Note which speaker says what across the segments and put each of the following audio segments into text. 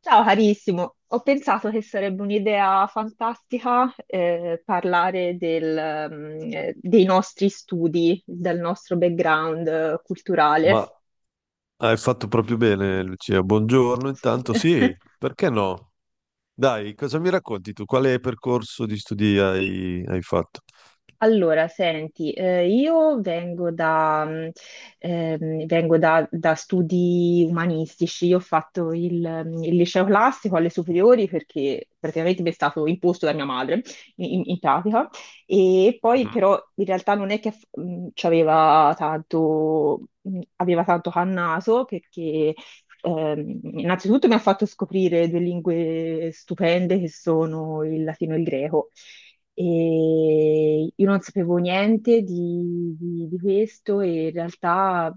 Speaker 1: Ciao carissimo, ho pensato che sarebbe un'idea fantastica parlare dei nostri studi, del nostro background culturale.
Speaker 2: Ma hai fatto proprio bene, Lucia. Buongiorno, intanto sì, perché no? Dai, cosa mi racconti tu? Quale percorso di studi hai fatto?
Speaker 1: Allora, senti, io vengo da studi umanistici, io ho fatto il liceo classico alle superiori perché praticamente mi è stato imposto da mia madre, in pratica, e poi
Speaker 2: Mhm.
Speaker 1: però in realtà non è che ci aveva aveva tanto cannato perché innanzitutto mi ha fatto scoprire due lingue stupende che sono il latino e il greco. E io non sapevo niente di questo e in realtà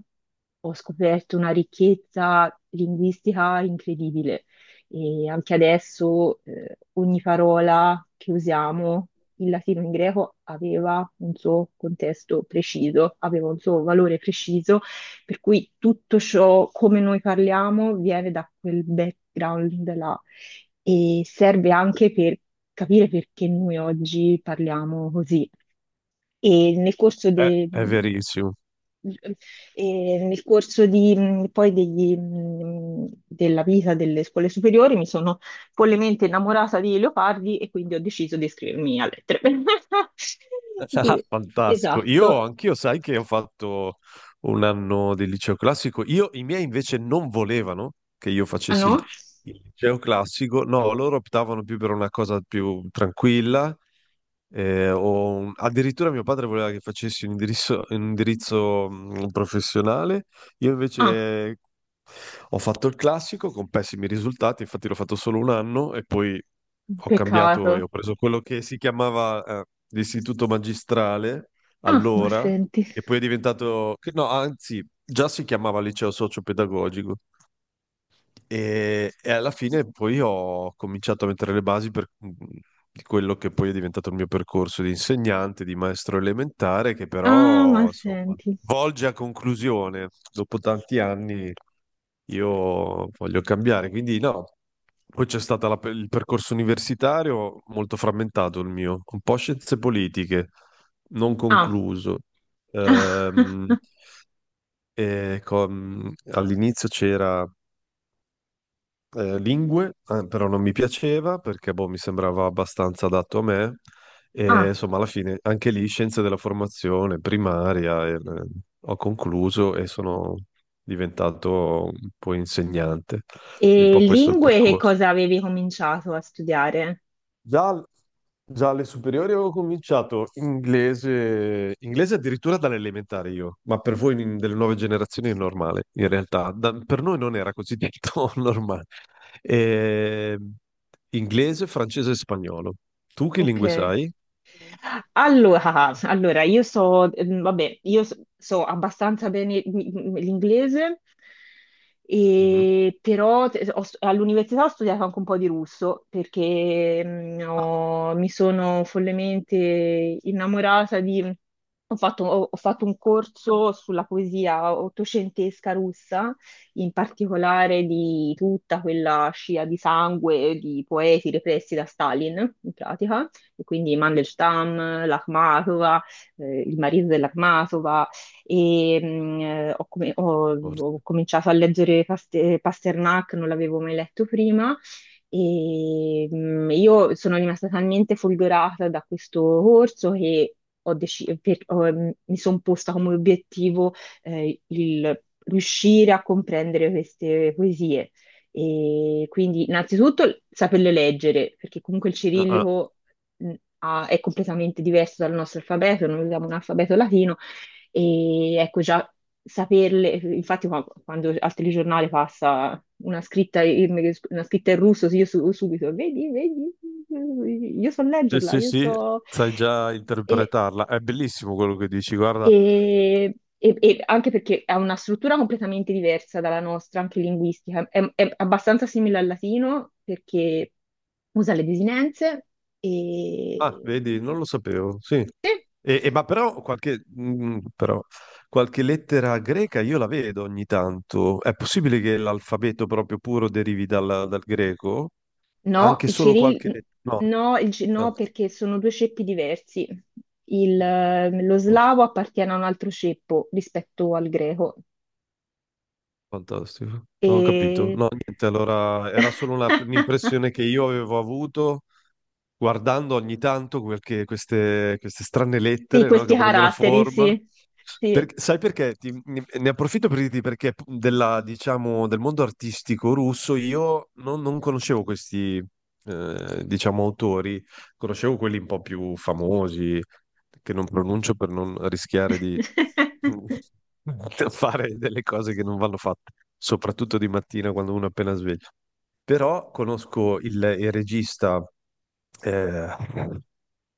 Speaker 1: ho scoperto una ricchezza linguistica incredibile. E anche adesso, ogni parola che usiamo in latino e in greco aveva un suo contesto preciso, aveva un suo valore preciso per cui tutto ciò, come noi parliamo, viene da quel background là e serve anche per capire perché noi oggi parliamo così. E nel corso, de-
Speaker 2: È verissimo.
Speaker 1: e nel corso della vita delle scuole superiori mi sono follemente innamorata di leopardi e quindi ho deciso di iscrivermi a lettere.
Speaker 2: Ah, fantastico. Io
Speaker 1: Esatto.
Speaker 2: anch'io, sai che ho fatto un anno di liceo classico. Io, i miei invece non volevano che io
Speaker 1: Ah
Speaker 2: facessi il
Speaker 1: no?
Speaker 2: il liceo classico. No, loro optavano più per una cosa più tranquilla. Addirittura mio padre voleva che facessi un indirizzo, professionale. Io
Speaker 1: Ah,
Speaker 2: invece ho fatto il classico con pessimi risultati, infatti l'ho fatto solo un anno e poi ho cambiato e
Speaker 1: peccato.
Speaker 2: ho preso quello che si chiamava l'istituto magistrale
Speaker 1: Ah, ma
Speaker 2: allora,
Speaker 1: senti.
Speaker 2: che poi è diventato, che no, anzi, già si chiamava liceo socio-pedagogico e alla fine poi ho cominciato a mettere le basi di quello che poi è diventato il mio percorso di insegnante, di maestro elementare, che
Speaker 1: Ah, ma
Speaker 2: però, insomma,
Speaker 1: senti.
Speaker 2: volge a conclusione. Dopo tanti anni io voglio cambiare, quindi no. Poi c'è stato il percorso universitario molto frammentato il mio, un po' scienze politiche, non
Speaker 1: Ah,
Speaker 2: concluso. Ehm, All'inizio c'era lingue, però non mi piaceva perché boh, mi sembrava abbastanza adatto a me. E
Speaker 1: ah.
Speaker 2: insomma, alla fine anche lì scienze della formazione primaria e, ho concluso e sono diventato un po' insegnante. Un
Speaker 1: E
Speaker 2: po' questo è il
Speaker 1: lingue che
Speaker 2: percorso.
Speaker 1: cosa avevi cominciato a studiare?
Speaker 2: Già, già alle superiori avevo cominciato inglese, inglese addirittura dall'elementare io, ma per voi delle nuove generazioni è normale, in realtà. Per noi non era così detto normale. Eh, Inglese, francese e spagnolo. Tu che
Speaker 1: Ok.
Speaker 2: lingue sai?
Speaker 1: Allora, allora, vabbè, so abbastanza bene l'inglese,
Speaker 2: Mhm.
Speaker 1: e però all'università ho studiato anche un po' di russo perché
Speaker 2: Ah,
Speaker 1: mi sono follemente innamorata di... ho fatto un corso sulla poesia ottocentesca russa, in particolare di tutta quella scia di sangue di poeti repressi da Stalin, in pratica e quindi Mandelstam, l'Akhmatova, il marito dell'Akhmatova, e
Speaker 2: forse.
Speaker 1: ho cominciato a leggere Pasternak, non l'avevo mai letto prima, e io sono rimasta talmente folgorata da questo corso che ho deci- per- ho- mm, mi sono posta come obiettivo il riuscire a comprendere queste poesie. E quindi innanzitutto saperle leggere, perché comunque il
Speaker 2: Ah, ah.
Speaker 1: cirillico mh, è completamente diverso dal nostro alfabeto, noi usiamo un alfabeto latino e ecco già saperle, infatti quando al telegiornale passa una scritta in russo, sì, io subito, vedi, vedi, io so leggerla,
Speaker 2: Sì,
Speaker 1: io
Speaker 2: sì,
Speaker 1: so...
Speaker 2: sai già
Speaker 1: E,
Speaker 2: interpretarla. È bellissimo quello che dici, guarda.
Speaker 1: e- e anche perché ha una struttura completamente diversa dalla nostra, anche linguistica. È abbastanza simile al latino perché usa le desinenze
Speaker 2: Ah,
Speaker 1: e,
Speaker 2: vedi, non lo sapevo, sì. E ma però qualche, però qualche lettera greca io la vedo ogni tanto. È possibile che l'alfabeto proprio puro derivi dal, dal greco?
Speaker 1: no,
Speaker 2: Anche
Speaker 1: il
Speaker 2: solo
Speaker 1: Cyril,
Speaker 2: qualche lettera? No.
Speaker 1: no,
Speaker 2: Ah, a
Speaker 1: no, perché sono due ceppi diversi. Lo
Speaker 2: posto.
Speaker 1: slavo appartiene a un altro ceppo rispetto al greco.
Speaker 2: Fantastico. Ho capito.
Speaker 1: E...
Speaker 2: No, niente, allora era solo un'impressione che io avevo avuto guardando ogni tanto queste strane
Speaker 1: Sì,
Speaker 2: lettere, no, che
Speaker 1: questi
Speaker 2: prendono
Speaker 1: caratteri,
Speaker 2: forma.
Speaker 1: sì. Sì.
Speaker 2: Sai perché? Ne approfitto per dirti perché della, diciamo, del mondo artistico russo io non conoscevo questi, diciamo, autori, conoscevo quelli un po' più famosi, che non pronuncio per non rischiare di fare delle cose che non vanno fatte, soprattutto di mattina quando uno è appena sveglio. Però conosco il regista eh,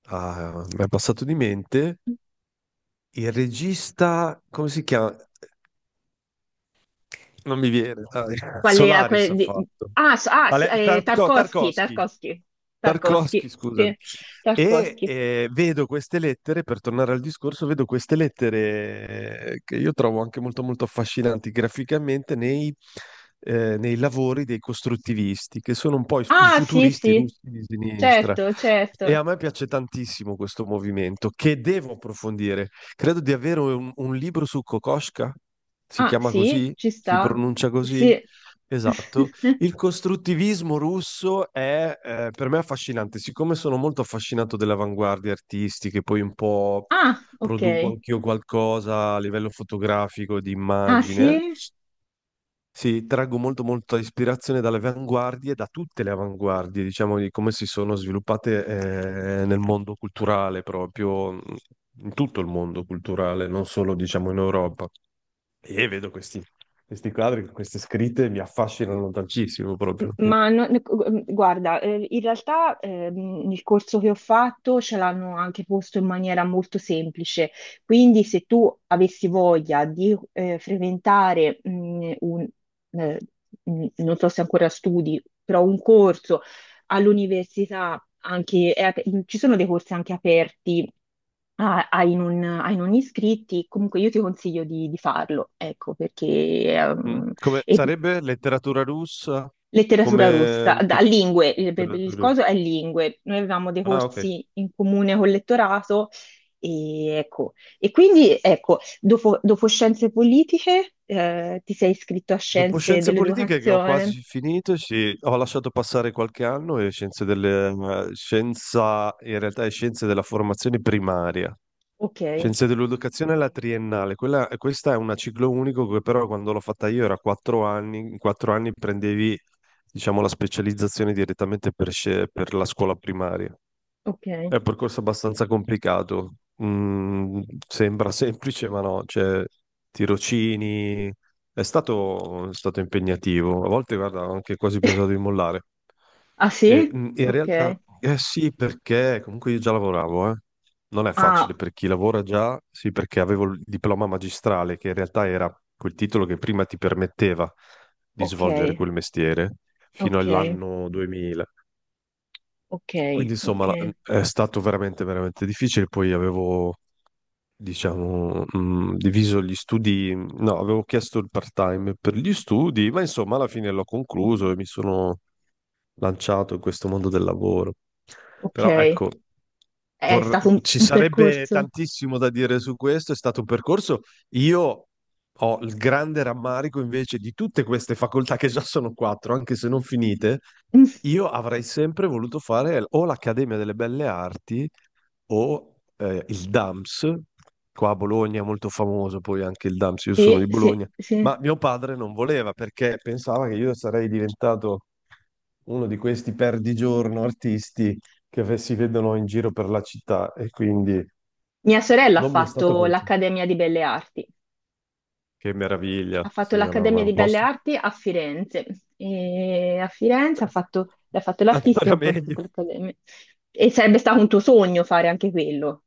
Speaker 2: ah, mi è passato di mente il regista, come si chiama? Non mi viene, dai.
Speaker 1: Qual è?
Speaker 2: Solaris ha fatto.
Speaker 1: Ah, ah, sì,
Speaker 2: Ale- Tarko-
Speaker 1: Tarkovsky,
Speaker 2: Tarkovsky,
Speaker 1: Tarkovsky,
Speaker 2: Tarkovsky,
Speaker 1: Tarkovsky,
Speaker 2: scusami.
Speaker 1: sì,
Speaker 2: E
Speaker 1: Tarkovsky.
Speaker 2: vedo queste lettere, per tornare al discorso, vedo queste lettere che io trovo anche molto molto affascinanti graficamente nei, nei lavori dei costruttivisti, che sono un po' i
Speaker 1: Ah, sì,
Speaker 2: futuristi
Speaker 1: sì,
Speaker 2: russi di sinistra.
Speaker 1: certo,
Speaker 2: E
Speaker 1: certo.
Speaker 2: a me piace tantissimo questo movimento, che devo approfondire. Credo di avere un libro su Kokoschka, si
Speaker 1: Ah,
Speaker 2: chiama
Speaker 1: sì,
Speaker 2: così?
Speaker 1: ci
Speaker 2: Si
Speaker 1: sta.
Speaker 2: pronuncia così?
Speaker 1: Sì.
Speaker 2: Esatto, il costruttivismo russo è per me affascinante, siccome sono molto affascinato delle avanguardie artistiche, poi un po'
Speaker 1: Ah, ok.
Speaker 2: produco anch'io qualcosa a livello fotografico, di
Speaker 1: Ah,
Speaker 2: immagine,
Speaker 1: sì?
Speaker 2: sì, traggo molto molta ispirazione dalle avanguardie, da tutte le avanguardie, diciamo, di come si sono sviluppate nel mondo culturale proprio, in tutto il mondo culturale, non solo diciamo in Europa. E vedo questi, questi quadri, queste scritte mi affascinano tantissimo proprio. Sì.
Speaker 1: Ma guarda, in realtà il corso che ho fatto ce l'hanno anche posto in maniera molto semplice, quindi se tu avessi voglia di frequentare un, eh, non so se ancora studi, però un corso all'università, anche, è ci sono dei corsi anche aperti ah, hai non, ai non iscritti, comunque io ti consiglio di farlo, ecco, perché
Speaker 2: Mm?
Speaker 1: ehm,
Speaker 2: Come
Speaker 1: e
Speaker 2: sarebbe letteratura russa?
Speaker 1: letteratura rossa,
Speaker 2: Come
Speaker 1: da,
Speaker 2: che
Speaker 1: lingue, il
Speaker 2: letteratura.
Speaker 1: coso è lingue, noi avevamo dei
Speaker 2: Ah, ok.
Speaker 1: corsi in comune col lettorato e, ecco, e quindi ecco, dopo scienze politiche ti sei iscritto a
Speaker 2: Dopo
Speaker 1: scienze
Speaker 2: scienze politiche che ho
Speaker 1: dell'educazione,
Speaker 2: quasi finito, sì, ho lasciato passare qualche anno e in realtà è scienze della formazione primaria,
Speaker 1: ok,
Speaker 2: scienze dell'educazione alla triennale. Questa è una ciclo unico che però quando l'ho fatta io era 4 anni, in 4 anni prendevi, diciamo, la specializzazione direttamente per per la scuola primaria.
Speaker 1: ok,
Speaker 2: È un percorso abbastanza complicato. Mm, Sembra semplice, ma no, cioè, tirocini. È stato impegnativo. A volte, guarda, ho anche quasi pensato di mollare.
Speaker 1: ah
Speaker 2: E,
Speaker 1: sì?
Speaker 2: in realtà,
Speaker 1: Ok,
Speaker 2: eh sì, perché comunque io già lavoravo, eh. Non è facile
Speaker 1: ah,
Speaker 2: per chi lavora già, sì, perché avevo il diploma magistrale, che in realtà era quel titolo che prima ti permetteva di
Speaker 1: ok,
Speaker 2: svolgere quel mestiere fino
Speaker 1: ok,
Speaker 2: all'anno 2000.
Speaker 1: ok,
Speaker 2: Quindi
Speaker 1: ok,
Speaker 2: insomma è stato veramente veramente difficile, poi avevo diciamo diviso gli studi, no, avevo chiesto il part-time per gli studi, ma insomma alla fine l'ho
Speaker 1: ok.
Speaker 2: concluso e mi sono lanciato in questo mondo del lavoro.
Speaker 1: Ok,
Speaker 2: Però
Speaker 1: è
Speaker 2: ecco,
Speaker 1: stato
Speaker 2: ci
Speaker 1: un
Speaker 2: sarebbe
Speaker 1: percorso.
Speaker 2: tantissimo da dire su questo, è stato un percorso. Io ho il grande rammarico invece di tutte queste facoltà che già sono quattro, anche se non finite
Speaker 1: Mm,
Speaker 2: io avrei sempre voluto fare o l'Accademia delle Belle Arti o il DAMS, qua a Bologna è molto famoso poi anche il DAMS, io sono
Speaker 1: sì,
Speaker 2: di
Speaker 1: sì,
Speaker 2: Bologna, ma
Speaker 1: sì.
Speaker 2: mio padre non voleva perché pensava che io sarei diventato uno di questi perdigiorno artisti che si vedono in giro per la città e quindi
Speaker 1: Mia sorella ha
Speaker 2: non mi è stato
Speaker 1: fatto
Speaker 2: concesso.
Speaker 1: l'Accademia di Belle Arti.
Speaker 2: Che
Speaker 1: Ha
Speaker 2: meraviglia, sì,
Speaker 1: fatto
Speaker 2: no, ma è
Speaker 1: l'Accademia
Speaker 2: un
Speaker 1: di Belle
Speaker 2: posto.
Speaker 1: Arti a Firenze. E a Firenze
Speaker 2: Cioè,
Speaker 1: ha fatto
Speaker 2: ancora
Speaker 1: l'artistico, poi ha
Speaker 2: meglio.
Speaker 1: fatto l'Accademia. E sarebbe stato un tuo sogno fare anche quello,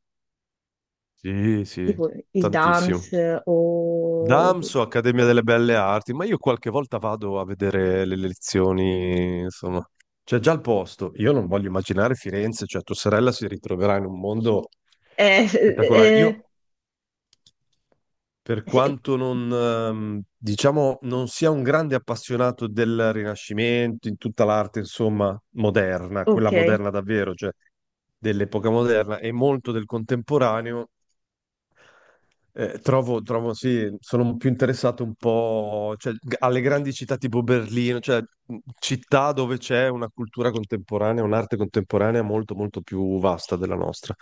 Speaker 2: Sì, sì,
Speaker 1: tipo il
Speaker 2: tantissimo.
Speaker 1: dance o...
Speaker 2: Damso, Accademia delle Belle Arti, ma io qualche volta vado a vedere le lezioni, insomma, c'è già il posto. Io non voglio immaginare Firenze, cioè tua sorella si ritroverà in un mondo
Speaker 1: Eh,
Speaker 2: spettacolare.
Speaker 1: eh,
Speaker 2: Io, per
Speaker 1: sì.
Speaker 2: quanto non, diciamo, non sia un grande appassionato del Rinascimento, in tutta l'arte, insomma, moderna, quella
Speaker 1: Ok,
Speaker 2: moderna davvero, cioè dell'epoca moderna e molto del contemporaneo, trovo, sì, sono più interessato un po', cioè, alle grandi città tipo Berlino, cioè città dove c'è una cultura contemporanea, un'arte contemporanea molto, molto più vasta della nostra,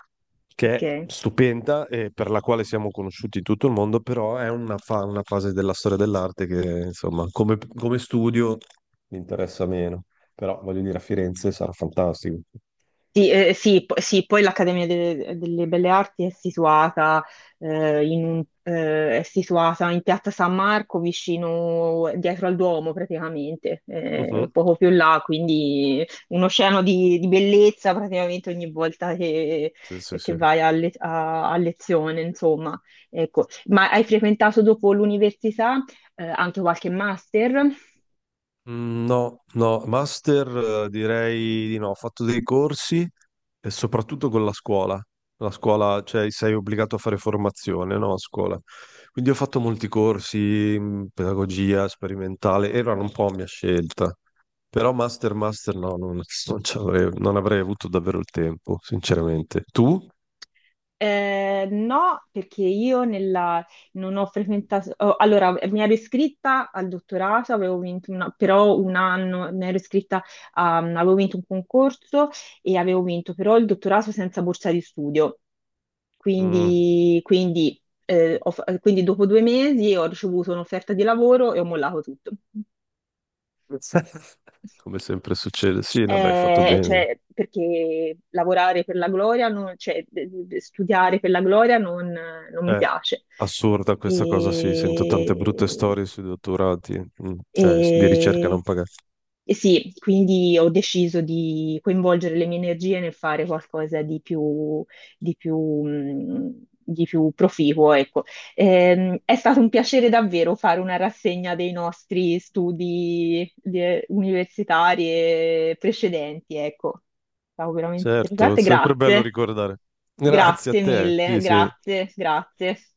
Speaker 2: che è
Speaker 1: ok.
Speaker 2: stupenda e per la quale siamo conosciuti in tutto il mondo, però è una, una fase della storia dell'arte che, insomma, come, come studio mi interessa meno. Però, voglio dire, a Firenze sarà fantastico.
Speaker 1: Sì, sì, sì, poi l'Accademia delle Belle Arti è situata, è situata in Piazza San Marco, vicino, dietro al Duomo praticamente,
Speaker 2: Mhm.
Speaker 1: poco più là, quindi un oceano di bellezza praticamente ogni volta
Speaker 2: Sì, sì,
Speaker 1: che
Speaker 2: sì.
Speaker 1: vai a, a lezione, insomma. Ecco. Ma hai frequentato dopo l'università, anche qualche master?
Speaker 2: No, no, master direi di no, ho fatto dei corsi e soprattutto con la scuola. La scuola, cioè sei obbligato a fare formazione, no, a scuola. Quindi ho fatto molti corsi, pedagogia sperimentale, erano un po' a mia scelta. Però master, master no, non, non, ci avrei, non avrei avuto davvero il tempo, sinceramente. Tu?
Speaker 1: No, perché io non ho frequentato, oh, allora mi ero iscritta al dottorato, avevo vinto una- però un anno mi ero iscritta, avevo vinto un concorso e avevo vinto però il dottorato senza borsa di studio,
Speaker 2: Mm,
Speaker 1: quindi dopo due mesi ho ricevuto un'offerta di lavoro e ho mollato tutto.
Speaker 2: Come sempre succede. Sì, vabbè, hai fatto bene.
Speaker 1: Cioè, perché lavorare per la gloria, cioè, studiare per la gloria non, non mi
Speaker 2: È
Speaker 1: piace.
Speaker 2: assurda questa cosa, sì, sento tante brutte
Speaker 1: E,
Speaker 2: storie sui dottorati, cioè di ricerca non
Speaker 1: e-
Speaker 2: pagata.
Speaker 1: e sì, quindi ho deciso di coinvolgere le mie energie nel fare qualcosa di più, di più, di più proficuo, ecco. È stato un piacere davvero fare una rassegna dei nostri studi universitari e precedenti, ecco. È stato veramente
Speaker 2: Certo, è
Speaker 1: interessante,
Speaker 2: sempre bello
Speaker 1: grazie,
Speaker 2: ricordare. Grazie a
Speaker 1: grazie
Speaker 2: te, sì,
Speaker 1: mille,
Speaker 2: sì.
Speaker 1: grazie, grazie.